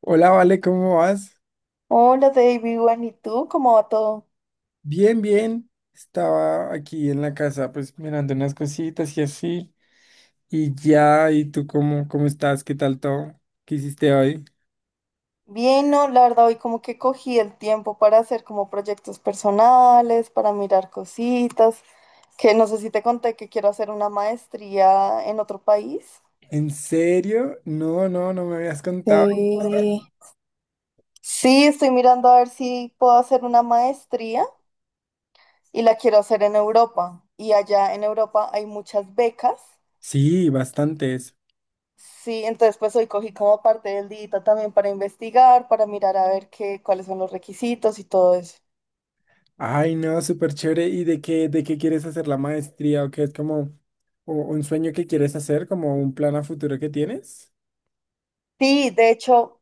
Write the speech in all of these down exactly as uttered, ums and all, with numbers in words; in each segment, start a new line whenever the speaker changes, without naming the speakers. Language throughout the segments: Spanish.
Hola, Vale, ¿cómo vas?
Hola David, bueno, ¿y tú? ¿Cómo va todo?
Bien, bien. Estaba aquí en la casa, pues mirando unas cositas y así. Y ya, ¿y tú cómo, cómo estás? ¿Qué tal todo? ¿Qué hiciste hoy?
Bien, no, la verdad hoy como que cogí el tiempo para hacer como proyectos personales, para mirar cositas, que no sé si te conté que quiero hacer una maestría en otro país.
¿En serio? No, no, no me habías contado.
Sí. Sí, estoy mirando a ver si puedo hacer una maestría y la quiero hacer en Europa. Y allá en Europa hay muchas becas.
Sí, bastantes.
Sí, entonces pues hoy cogí como parte del día también para investigar, para mirar a ver qué, cuáles son los requisitos y todo eso.
Ay, no, súper chévere. ¿Y de qué, de qué quieres hacer la maestría? ¿O qué es como o- un sueño que quieres hacer? ¿Como un plan a futuro que tienes?
Sí, de hecho,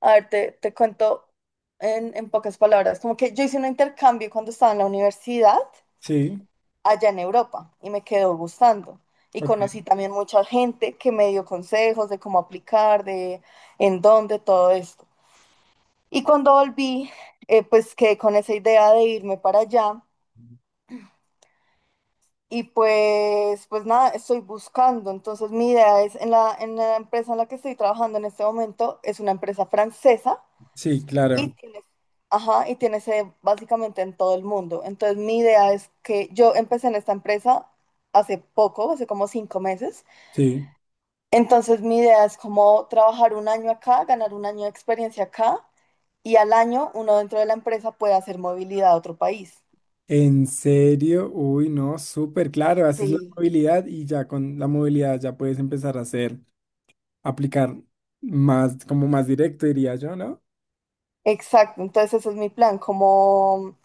a ver, te, te cuento en, en pocas palabras, como que yo hice un intercambio cuando estaba en la universidad
Sí,
allá en Europa y me quedó gustando. Y
ok.
conocí también mucha gente que me dio consejos de cómo aplicar, de en dónde, todo esto. Y cuando volví, eh, pues quedé con esa idea de irme para allá y pues, pues nada, estoy buscando. Entonces mi idea es, en la, en la empresa en la que estoy trabajando en este momento, es una empresa francesa.
Sí,
Y
claro.
tiene, ajá, y tiene sede básicamente en todo el mundo. Entonces, mi idea es que yo empecé en esta empresa hace poco, hace como cinco meses.
Sí.
Entonces, mi idea es como trabajar un año acá, ganar un año de experiencia acá y al año uno dentro de la empresa puede hacer movilidad a otro país.
En serio, uy, no, súper claro, haces la
Sí.
movilidad y ya con la movilidad ya puedes empezar a hacer, aplicar más, como más directo, diría yo, ¿no?
Exacto, entonces ese es mi plan, como,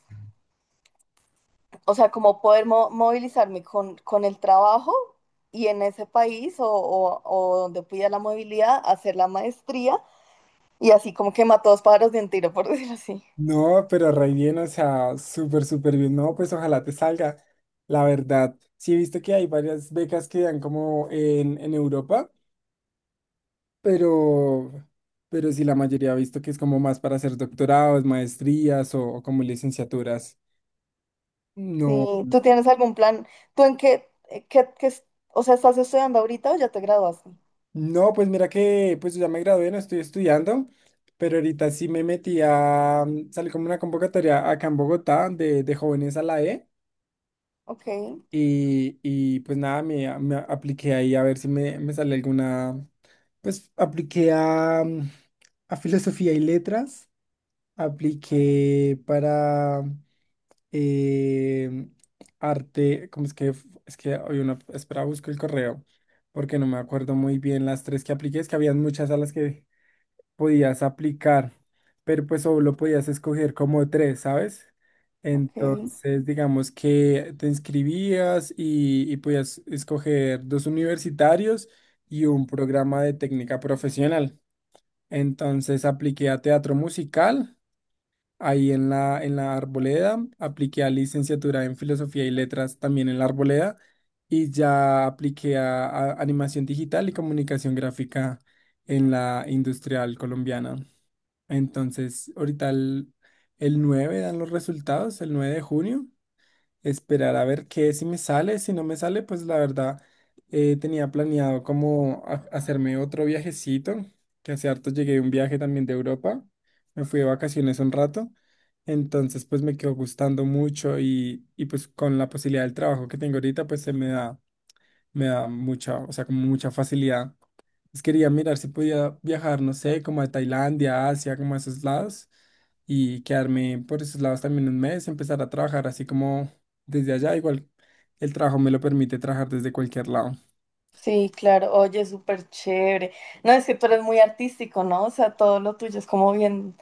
o sea, como poder mo- movilizarme con, con el trabajo y en ese país o, o- o donde pida la movilidad, hacer la maestría. Y así como que mató dos pájaros de un tiro, por decirlo así.
No, pero re bien, o sea, súper, súper bien. No, pues ojalá te salga. La verdad, sí he visto que hay varias becas que dan como en, en Europa, pero, pero sí la mayoría ha visto que es como más para hacer doctorados, maestrías o, o como licenciaturas. No.
Sí, ¿tú tienes algún plan? ¿Tú en qué, eh, qué, qué es- o sea, estás estudiando ahorita o ya te graduaste?
No, pues mira que pues yo ya me gradué, no estoy estudiando, pero ahorita sí me metí a, mm, salí como una convocatoria acá en Bogotá de, de jóvenes a la E
Ok,
y, y pues nada, me, a- me apliqué ahí a ver si me, me sale alguna, pues apliqué a, mm, a filosofía y letras. Apliqué para eh, arte, ¿cómo es que? f- Es que hoy una, espera, busco el correo, porque no me acuerdo muy bien las tres que apliqué, es que habían muchas a las que podías aplicar, pero pues solo podías escoger como tres, ¿sabes?
ok.
Entonces, digamos que te inscribías y, y podías escoger dos universitarios y un programa de técnica profesional. Entonces, apliqué a teatro musical ahí en la, en la, Arboleda, apliqué a licenciatura en Filosofía y Letras también en la Arboleda y ya apliqué a, a Animación Digital y Comunicación Gráfica en la Industrial Colombiana. Entonces, ahorita el, el nueve dan los resultados, el nueve de junio, esperar a ver qué, si me sale, si no me sale, pues la verdad eh, tenía planeado como ha- hacerme otro viajecito, que hace harto llegué de un viaje también de Europa, me fui de vacaciones un rato, entonces pues me quedó gustando mucho y, y pues con la posibilidad del trabajo que tengo ahorita, pues se me da, me da mucha, o sea, como mucha facilidad. Pues quería mirar si podía viajar, no sé, como a Tailandia, Asia, como a esos lados, y quedarme por esos lados también un mes, empezar a trabajar así como desde allá. Igual el trabajo me lo permite trabajar desde cualquier lado.
Sí, claro, oye, súper chévere. No, es que tú eres muy artístico, ¿no? O sea, todo lo tuyo es como bien,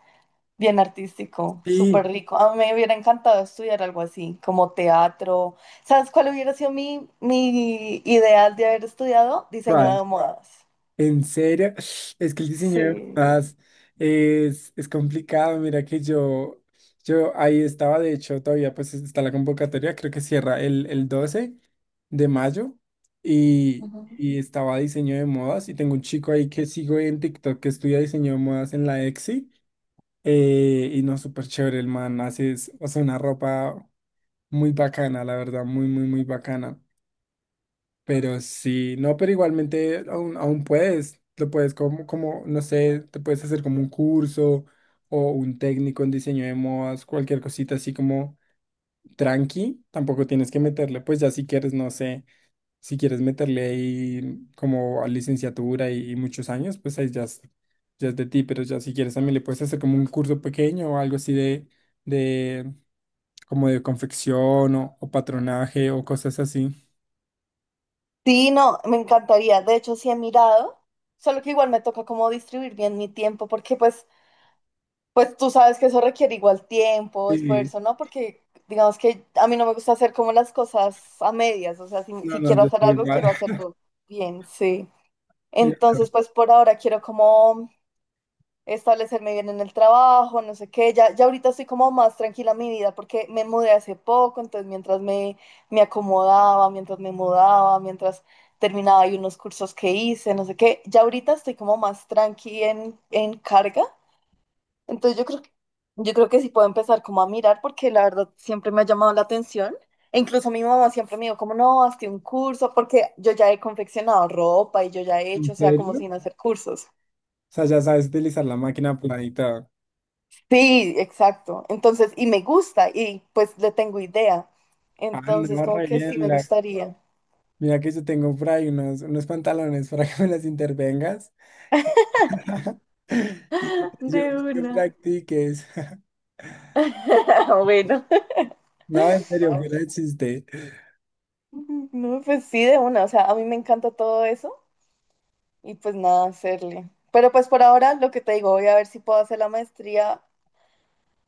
bien artístico,
¿Y
súper rico. A mí me hubiera encantado estudiar algo así, como teatro. ¿Sabes cuál hubiera sido mi, mi ideal de haber estudiado? Diseño
cuál?
de modas.
En serio, es que el diseño de
Sí.
portadas es, es complicado. Mira que yo, yo ahí estaba, de hecho, todavía pues está la convocatoria, creo que cierra el, el doce de mayo y, y estaba diseño de modas y tengo un chico ahí que sigo en TikTok que estudia diseño de modas en la E X I, eh, y no, súper chévere el man, hace, es- o sea, una ropa muy bacana, la verdad, muy, muy, muy bacana. Pero sí, no, pero igualmente aún, aún puedes, lo puedes como, como, no sé, te puedes hacer como un curso o un técnico en diseño de modas, cualquier cosita así como tranqui, tampoco tienes que meterle, pues ya si quieres, no sé, si quieres meterle ahí como a licenciatura y, y muchos años, pues ahí ya es, ya es de ti, pero ya si quieres también le puedes hacer como un curso pequeño o algo así de, de como de confección o, o patronaje o cosas así.
Sí, no, me encantaría. De hecho, sí he mirado, solo que igual me toca como distribuir bien mi tiempo, porque pues, pues tú sabes que eso requiere igual tiempo,
Sí,
esfuerzo, ¿no? Porque digamos que a mí no me gusta hacer como las cosas a medias, o sea, si,
no,
si
no,
quiero
yo
hacer
estoy
algo,
igual.
quiero hacerlo bien, sí.
Tío,
Entonces, pues por ahora quiero como establecerme bien en el trabajo, no sé qué. Ya, ya ahorita estoy como más tranquila en mi vida porque me mudé hace poco, entonces mientras me, me acomodaba, mientras me mudaba, mientras terminaba y unos cursos que hice, no sé qué, ya ahorita estoy como más tranqui en, en carga. Entonces yo creo que, yo creo que sí puedo empezar como a mirar porque la verdad siempre me ha llamado la atención. E incluso mi mamá siempre me dijo como, no, hazte un curso, porque yo ya he confeccionado ropa y yo ya he
¿en
hecho, o sea, como
serio? O
sin hacer cursos.
sea, ya sabes utilizar la máquina aplanada y todo.
Sí, exacto. Entonces, y me gusta y pues le tengo idea.
Ah,
Entonces,
no,
como
re
que
bien,
sí me
mira.
gustaría.
Mira que yo tengo por ahí unos, unos pantalones para que me las intervengas. Y yo
De
para que
una.
practiques.
Bueno.
No, en serio, fuera de chiste.
No, pues sí, de una. O sea, a mí me encanta todo eso y pues nada, hacerle. Pero pues por ahora lo que te digo, voy a ver si puedo hacer la maestría.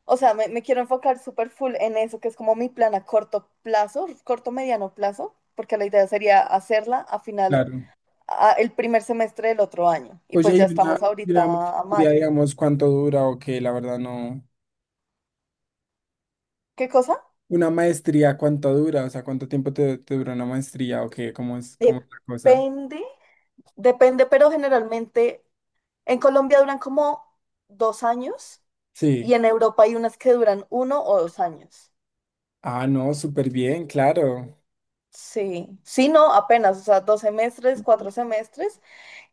O sea, me, me quiero enfocar súper full en eso, que es como mi plan a corto plazo, corto mediano plazo, porque la idea sería hacerla a final,
Claro.
a- el primer semestre del otro año. Y pues
Oye,
ya
y una,
estamos
y una
ahorita a
maestría,
mayo.
digamos, ¿cuánto dura o qué? La verdad no.
¿Qué cosa?
Una maestría, ¿cuánto dura? O sea, ¿cuánto tiempo te, te dura una maestría o qué? ¿Cómo es, cómo es la cosa?
Depende, depende, pero generalmente en Colombia duran como dos años y
Sí.
en Europa hay unas que duran uno o dos años.
Ah, no, súper bien, claro.
Sí, sí, no, apenas, o sea, dos semestres, cuatro semestres.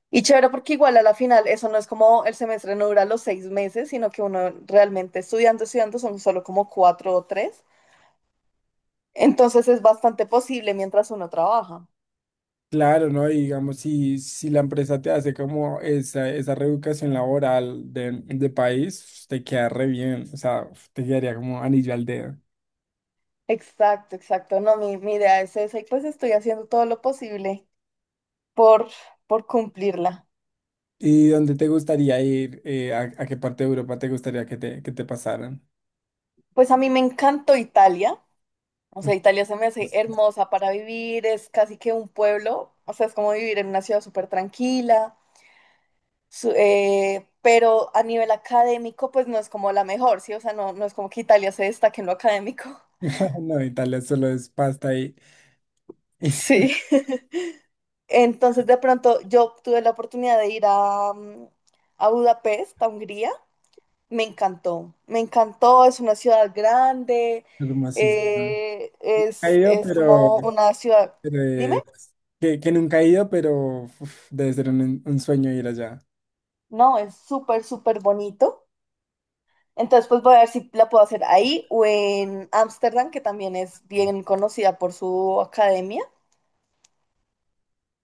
Y chévere porque igual a la final eso no es como el semestre no dura los seis meses, sino que uno realmente estudiando, estudiando son solo como cuatro o tres. Entonces es bastante posible mientras uno trabaja.
Claro, ¿no? Y digamos, si, si la empresa te hace como esa, esa reeducación laboral de, de país, te queda re bien, o sea, uf, te quedaría como anillo al dedo.
Exacto, exacto. No, mi, mi idea es esa y pues estoy haciendo todo lo posible por, por cumplirla.
¿Y dónde te gustaría ir? Eh, a, a qué parte de Europa te gustaría que te, que te pasaran?
Pues a mí me encantó Italia, o sea, Italia se me hace hermosa para vivir, es casi que un pueblo, o sea, es como vivir en una ciudad súper tranquila, su- eh, pero a nivel académico, pues no es como la mejor, ¿sí? O sea, no, no es como que Italia se destaque en lo académico.
No, Italia solo es pasta y, y
Sí. Entonces, de pronto, yo tuve la oportunidad de ir a, mm, a Budapest, a Hungría. Me encantó, me encantó, es una ciudad grande,
hermosísimo.
eh,
He
es,
ido,
es
pero,
como una ciudad,
pero
dime,
es- que, que nunca he ido, pero uf, debe ser un, un sueño ir allá.
no, es súper, súper bonito. Entonces, pues voy a ver si la puedo hacer ahí o en Ámsterdam, que también es bien conocida por su academia.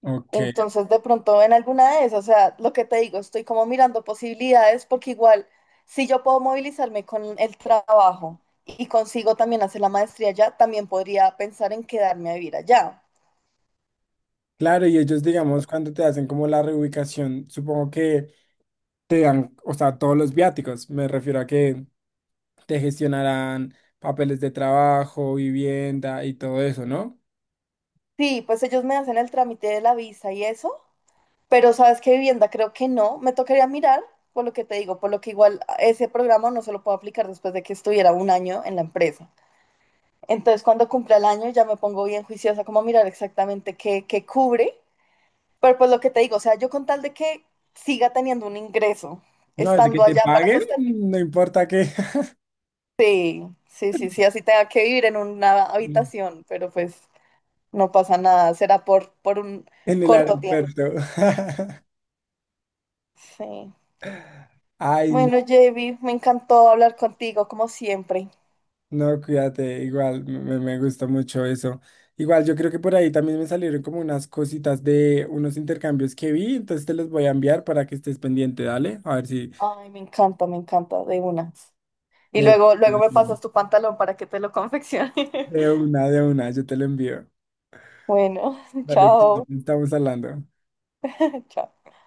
Ok.
Entonces, de pronto en alguna de esas, o sea, lo que te digo, estoy como mirando posibilidades porque igual, si yo puedo movilizarme con el trabajo y consigo también hacer la maestría allá, también podría pensar en quedarme a vivir allá.
Claro, y ellos, digamos, cuando te hacen como la reubicación, supongo que te dan, o sea, todos los viáticos. Me refiero a que te gestionarán papeles de trabajo, vivienda y todo eso, ¿no?
Sí, pues ellos me hacen el trámite de la visa y eso, pero sabes qué vivienda creo que no, me tocaría mirar por lo que te digo, por lo que igual ese programa no se lo puedo aplicar después de que estuviera un año en la empresa. Entonces cuando cumpla el año ya me pongo bien juiciosa como a mirar exactamente qué, qué, cubre, pero pues lo que te digo, o sea, yo con tal de que siga teniendo un ingreso,
No, desde que
estando
te
allá para
paguen,
sostener.
no importa que
Sí, sí, sí, sí, así tenga que vivir en una habitación, pero pues no pasa nada, será por, por un
en el
corto tiempo.
aeropuerto.
Sí.
Ay,
Bueno, Javi, me encantó hablar contigo, como siempre.
no, cuídate, igual me, me gusta mucho eso. Igual yo creo que por ahí también me salieron como unas cositas de unos intercambios que vi, entonces te los voy a enviar para que estés pendiente, dale. A ver si
Ay, me encanta, me encanta, de una. Y
de,
luego, luego me pasas tu pantalón para que te lo confeccione.
de una, de una, yo te lo envío.
Bueno,
Dale, Cris,
chao,
estamos hablando.
chao.